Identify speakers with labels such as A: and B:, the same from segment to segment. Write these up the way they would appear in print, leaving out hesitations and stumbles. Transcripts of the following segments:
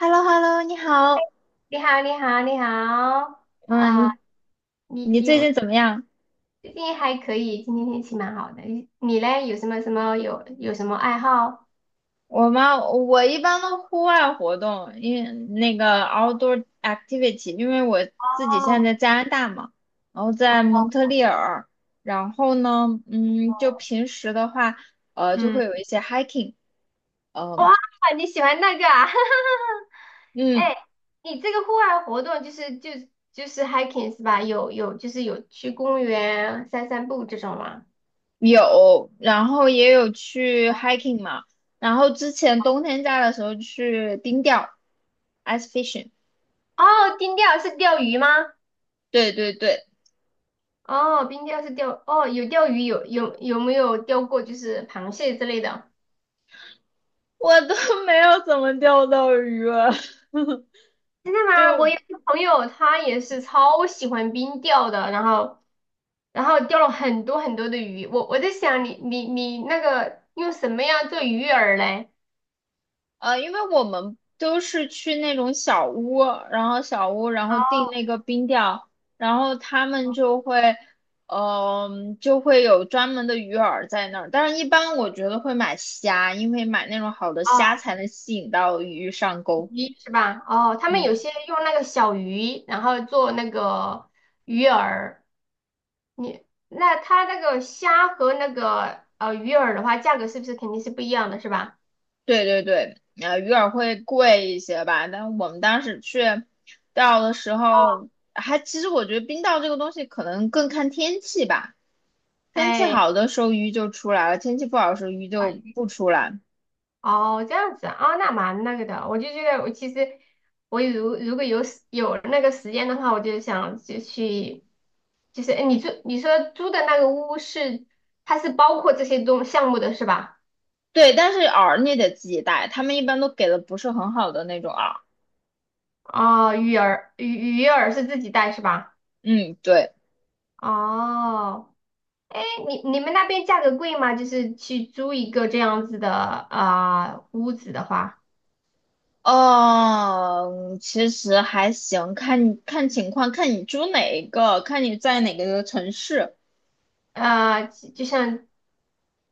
A: h e l l o h e l l o 你好，
B: 你好，你好，你好啊！
A: 嗯，
B: 你
A: 你
B: 你
A: 最
B: 有
A: 近怎么样？
B: 最近还可以，今天天气蛮好的。你嘞，有什么什么有有什么爱好？
A: 我吗？我一般都户外活动，因为那个 outdoor activity，因为我自己现
B: 哦，
A: 在在加拿大嘛，然后在蒙特利尔，然后呢，就平时的话，就
B: 嗯，
A: 会有一些 hiking，
B: 哇，
A: 嗯、
B: 你喜欢那个啊？
A: 嗯，
B: 哎，你这个户外活动就是 hiking 是吧？有有就是有去公园散散步这种吗？
A: 有，然后也有去 hiking 嘛，然后之前冬天家的时候去冰钓，ice fishing。
B: 哦，冰钓是钓鱼吗？
A: 对对对，
B: 哦，冰钓是钓，哦，有钓鱼，有没有钓过就是螃蟹之类的？
A: 我都 没有怎么钓到鱼了，
B: 真的吗？我
A: 就
B: 有一个朋友，他也是超喜欢冰钓的，然后钓了很多很多的鱼。我在想你，你那个用什么样做鱼饵嘞？
A: 因为我们都是去那种小屋，然后小屋，然后订
B: 哦
A: 那个冰钓，然后他们就会，就会有专门的鱼饵在那儿。但是，一般我觉得会买虾，因为买那种好的虾
B: 哦，
A: 才能吸引到鱼上钩。
B: 鱼是吧？哦，他们有
A: 嗯。
B: 些用那个小鱼，然后做那个鱼饵。他那个虾和那个鱼饵的话，价格是不是肯定是不一样的，是吧？
A: 对对对，鱼饵会贵一些吧，但我们当时去钓的时候，还其实我觉得冰钓这个东西可能更看天气吧，天气
B: 哎。
A: 好的时候鱼就出来了，天气不好的时候鱼就不出来。
B: 哦，这样子啊，哦那蛮那个的。我就觉得，我其实如果有那个时间的话，我就想就去，就是哎，你说租的那个屋是它是包括这些项目的是吧？
A: 对，但是饵你得自己带，他们一般都给的不是很好的那种饵。
B: 哦，鱼饵是自己带是吧？
A: 嗯，对，
B: 哦，哎，你们那边价格贵吗？就是去租一个这样子的啊、屋子的话，
A: 哦，其实还行，看看情况，看你租哪一个，看你在哪个城市。
B: 啊就就像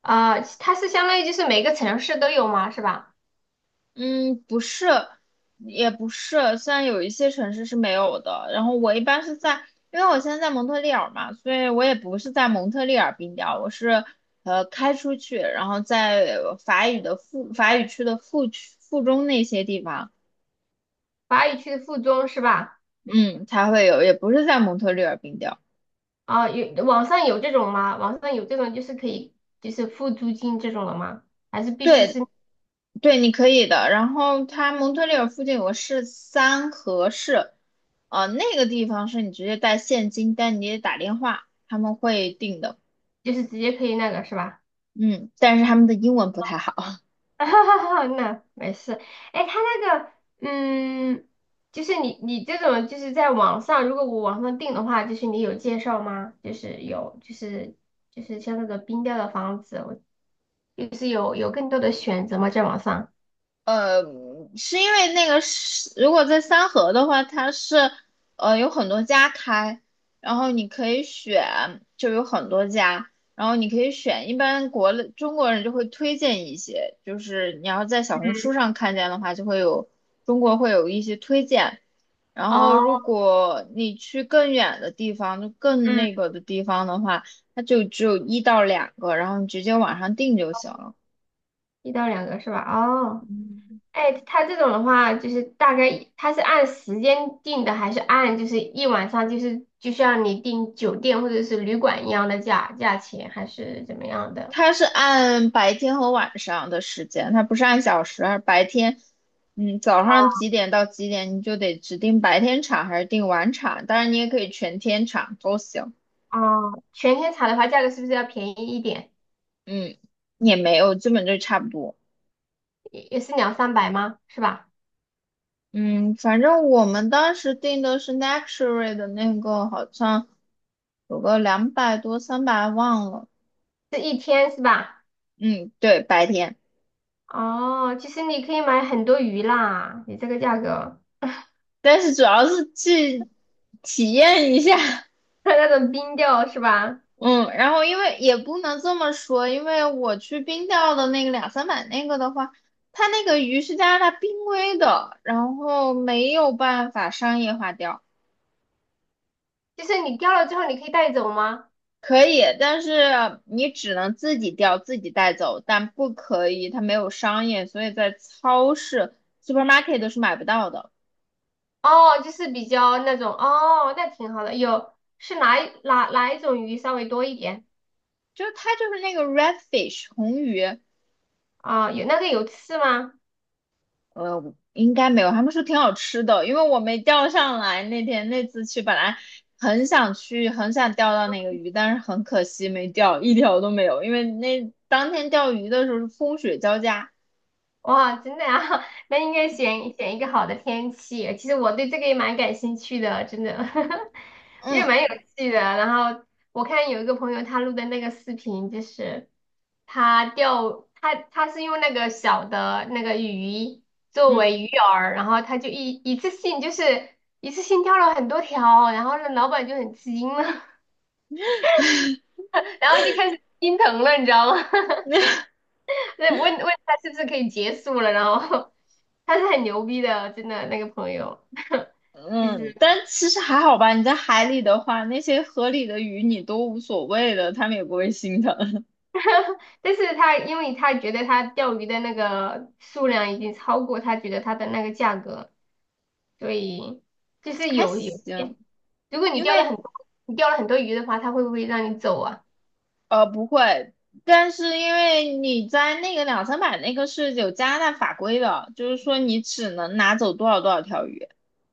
B: 啊、呃它是相当于就是每个城市都有吗？是吧？
A: 嗯，不是，也不是，虽然有一些城市是没有的。然后我一般是在，因为我现在在蒙特利尔嘛，所以我也不是在蒙特利尔冰雕，我是开出去，然后在法语的附法语区的附区附中那些地方，
B: 法语区的附中是吧？
A: 嗯，才会有，也不是在蒙特利尔冰雕。
B: 啊，有网上有这种吗？网上有这种就是可以就是付租金这种的吗？还是必须是
A: 对对，你可以的。然后他蒙特利尔附近有个市三河市，那个地方是你直接带现金，但你得打电话，他们会定的。
B: 就是直接可以那个是吧？
A: 嗯，但是他们的英文不太好。
B: 那没事。哎，他那个嗯，就是你这种就是在网上，如果我网上订的话，就是你有介绍吗？就是有就是就是像那个冰雕的房子，我就是有更多的选择吗？在网上？
A: 呃，是因为那个是，如果在三河的话，它是有很多家开，然后你可以选，就有很多家，然后你可以选。一般国内中国人就会推荐一些，就是你要在小红书上看见的话，就会有中国会有一些推荐。然后如
B: 哦，
A: 果你去更远的地方，就更
B: 嗯，
A: 那个的地方的话，它就只有一到两个，然后你直接网上订就行了。
B: 1到2个是吧？哦。哎，他这种的话，就是大概他是按时间定的，还是按就是一晚上就是像你订酒店或者是旅馆一样的价钱，还是怎么样的？
A: 它是按白天和晚上的时间，它不是按小时。而白天，早上几点到几点，你就得指定白天场还是定晚场。当然，你也可以全天场都行。
B: 哦，全天查的话，价格是不是要便宜一点？
A: 嗯，也没有，基本就差不多。
B: 也是两三百吗？是吧？
A: 嗯，反正我们当时定的是 luxury 的那个，好像有个200多、300，忘了。
B: 是一天是吧？
A: 嗯，对，白天，
B: 哦，其实你可以买很多鱼啦，你这个价格，
A: 但是主要是去体验一下。
B: 那种冰钓是吧？
A: 嗯，然后因为也不能这么说，因为我去冰钓的那个两三百那个的话，它那个鱼是加拿大濒危的，然后没有办法商业化钓，
B: 就是你钓了之后，你可以带走吗？
A: 可以，但是你只能自己钓，自己带走，但不可以，它没有商业，所以在超市 supermarket 都是买不到的，
B: 哦，就是比较那种哦，那挺好的。有是哪一种鱼稍微多一点
A: 就是它就是那个 redfish 红鱼，
B: 啊？有那个有刺吗？
A: 应该没有，他们说挺好吃的，因为我没钓上来。那天那次去，本来很想去，很想钓到那个鱼，但是很可惜没钓，一条都没有。因为那当天钓鱼的时候是风雪交加，
B: 哇，真的啊，那应该选选一个好的天气。其实我对这个也蛮感兴趣的，真的，也
A: 嗯
B: 蛮有趣的。然后我看有一个朋友他录的那个视频，就是他钓，他他是用那个小的那个鱼作
A: 嗯，
B: 为鱼饵，然后他就一次性钓了很多条，然后那老板就很吃惊了，然后就开始心疼了，你知道吗？那问问他是不是可以结束了，然后 他是很牛逼的哦，真的那个朋友，其
A: 嗯，
B: 实，
A: 但其实还好吧。你在海里的话，那些河里的鱼你都无所谓的，他们也不会心疼，
B: 但是他因为他觉得他钓鱼的那个数量已经超过他觉得他的那个价格，所以就 是
A: 还行。
B: 些，如果你
A: 因
B: 钓了
A: 为
B: 很多，你钓了很多鱼的话，他会不会让你走啊？
A: 不会，但是因为你在那个两三百那个是有加拿大法规的，就是说你只能拿走多少多少条鱼，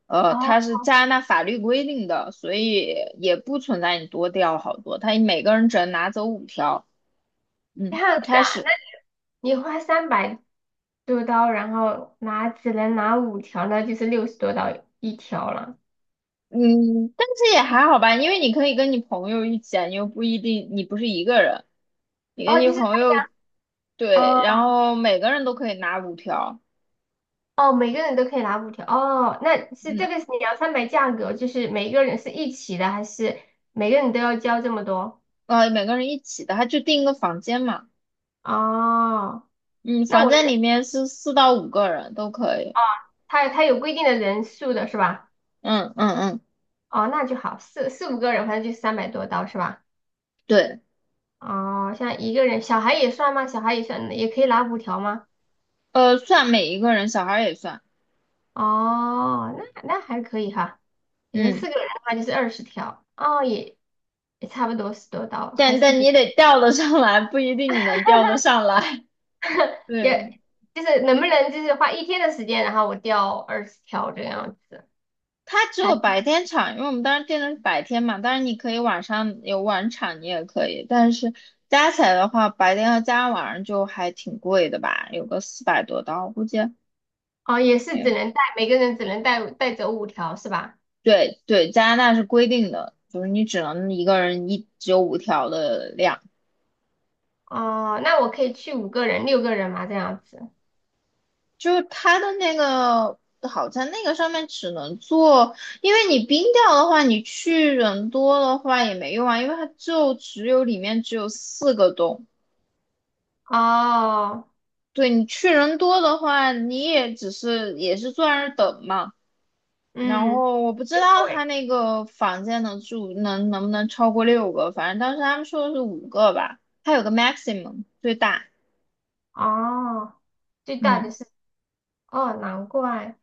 B: 哦，
A: 它是加拿大法律规定的，所以也不存在你多钓好多，他每个人只能拿走五条，
B: 这
A: 嗯，
B: 样子
A: 开
B: 啊，
A: 始，
B: 那你花三百多刀，然后拿只能拿五条，那就是60多刀一条了，
A: 嗯，但是也还好吧，因为你可以跟你朋友一起啊，你又不一定，你不是一个人，你跟
B: 哦。
A: 你朋友，
B: 哦
A: 对，然后每个人都可以拿五条，
B: 哦，每个人都可以拿五条。哦，
A: 嗯，
B: 这个是你要摊牌价格，就是每个人是一起的，还是每个人都要交这么多？
A: 每个人一起的，他就订一个房间嘛。
B: 哦，
A: 嗯，
B: 那
A: 房
B: 我
A: 间
B: 人
A: 里面是四到五个人都可以。
B: 他有规定的人数的是吧？
A: 嗯嗯嗯，
B: 哦，那就好，四五个人，反正就三百多刀是吧？
A: 对，
B: 哦，像一个人，小孩也算吗？小孩也算，也可以拿五条吗？
A: 算每一个人，小孩儿也算。
B: 哦，那那还可以哈。也就
A: 嗯，
B: 四个人的话就是二十条，哦，也差不多十多刀，还
A: 但
B: 是
A: 但你
B: 比
A: 得调得上来，不一定你能调得上来。对，
B: 也就是能不能就是花一天的时间，然后我钓二十条这样子，
A: 它只有
B: 还
A: 白天场，因为我们当时定的是白天嘛。当然你可以晚上有晚场，你也可以。但是加起来的话，白天和加晚上就还挺贵的吧，有个400多刀，估计。
B: 哦也是只
A: 嗯，
B: 能每个人只能带走五条是吧？
A: 对对，加拿大是规定的，就是你只能一个人一只有五条的量。
B: 哦，那我可以去五个人、六个人嘛这样子。
A: 就是它的那个好在那个上面只能做，因为你冰掉的话，你去人多的话也没用啊，因为它就只有里面只有四个洞。
B: 哦，
A: 对你去人多的话，你也只是也是坐在那儿等嘛。然
B: 嗯，
A: 后我不知
B: 对，
A: 道他那个房间能住能不能超过六个，反正当时他们说的是五个吧，他有个 maximum 最大，
B: 哦，最大
A: 嗯。
B: 的是哦，难怪，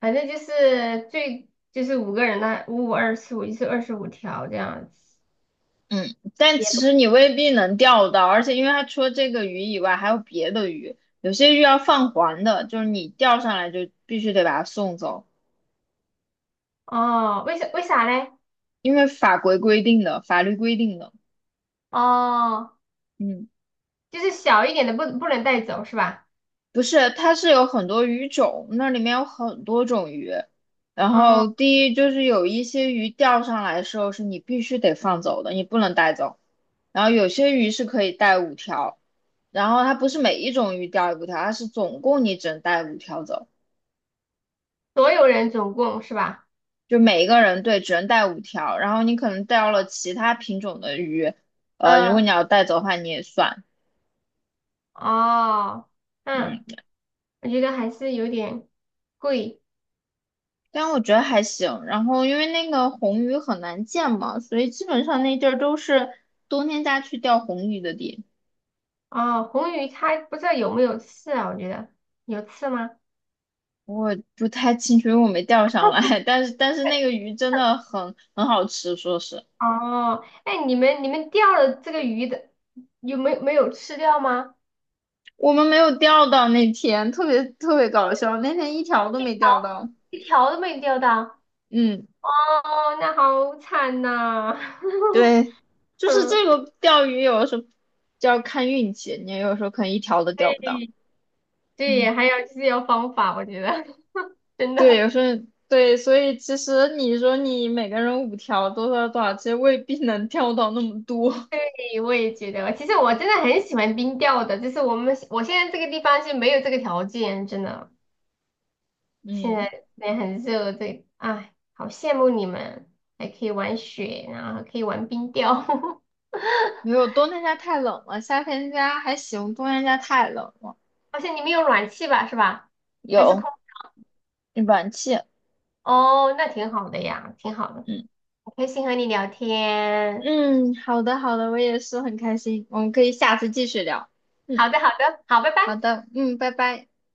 B: 反正就是就是五个人的五五二四五就是25条这样子。
A: 嗯，但
B: 也
A: 其实你未必能钓到，而且因为它除了这个鱼以外，还有别的鱼，有些鱼要放还的，就是你钓上来就必须得把它送走，
B: 哦，为啥嘞？
A: 因为法规规定的，法律规定的。
B: 哦，
A: 嗯，
B: 就是小一点的不能带走是吧？
A: 不是，它是有很多鱼种，那里面有很多种鱼。然
B: 哦。
A: 后第一就是有一些鱼钓上来的时候是你必须得放走的，你不能带走。然后有些鱼是可以带五条，然后它不是每一种鱼钓五条，它是总共你只能带五条走。
B: 所有人总共是吧？
A: 就每一个人对只能带五条，然后你可能钓了其他品种的鱼，如果
B: 嗯，
A: 你要带走的话，你也算，
B: 哦，嗯，
A: 嗯，
B: 我觉得还是有点贵
A: 但我觉得还行。然后因为那个红鱼很难见嘛，所以基本上那地儿都是冬天家去钓红鱼的地。
B: 哦。红鱼它不知道有没有刺啊？我觉得有刺吗？
A: 我不太清楚，因为我没钓上来，但是那个鱼真的很好吃，说是
B: 哦，哎，你们钓了这个鱼的，有没有吃掉吗？
A: 我们没有钓到那天，特别特别搞笑，那天一条都没钓到，
B: 一条都没钓到。
A: 嗯。
B: 哦，那好惨呐、
A: 对，就是
B: 嗯，
A: 这个钓鱼有的时候就要看运气，你有时候可能一条都钓不到。
B: 对
A: 嗯，
B: 对，还有就是要方法，我觉得 真
A: 对，
B: 的。
A: 有时候对，所以其实你说你每个人五条多少多少，其实未必能钓到那么多。
B: 对，我也觉得，其实我真的很喜欢冰钓的，就是我现在这个地方是没有这个条件，真的，现
A: 嗯，
B: 在也很热，这，哎，好羡慕你们，还可以玩雪，然后还可以玩冰钓，好
A: 没有，冬天家太冷了，夏天家还行，冬天家太冷了。
B: 像你们有暖气吧，是吧？还是空？
A: 有暖气，
B: 哦，那挺好的呀，挺好的，
A: 嗯
B: 很开心和你聊天。
A: 嗯，好的好的，我也是很开心，我们可以下次继续聊。嗯，
B: 好的，好的，好，拜拜。
A: 好的，嗯，拜拜。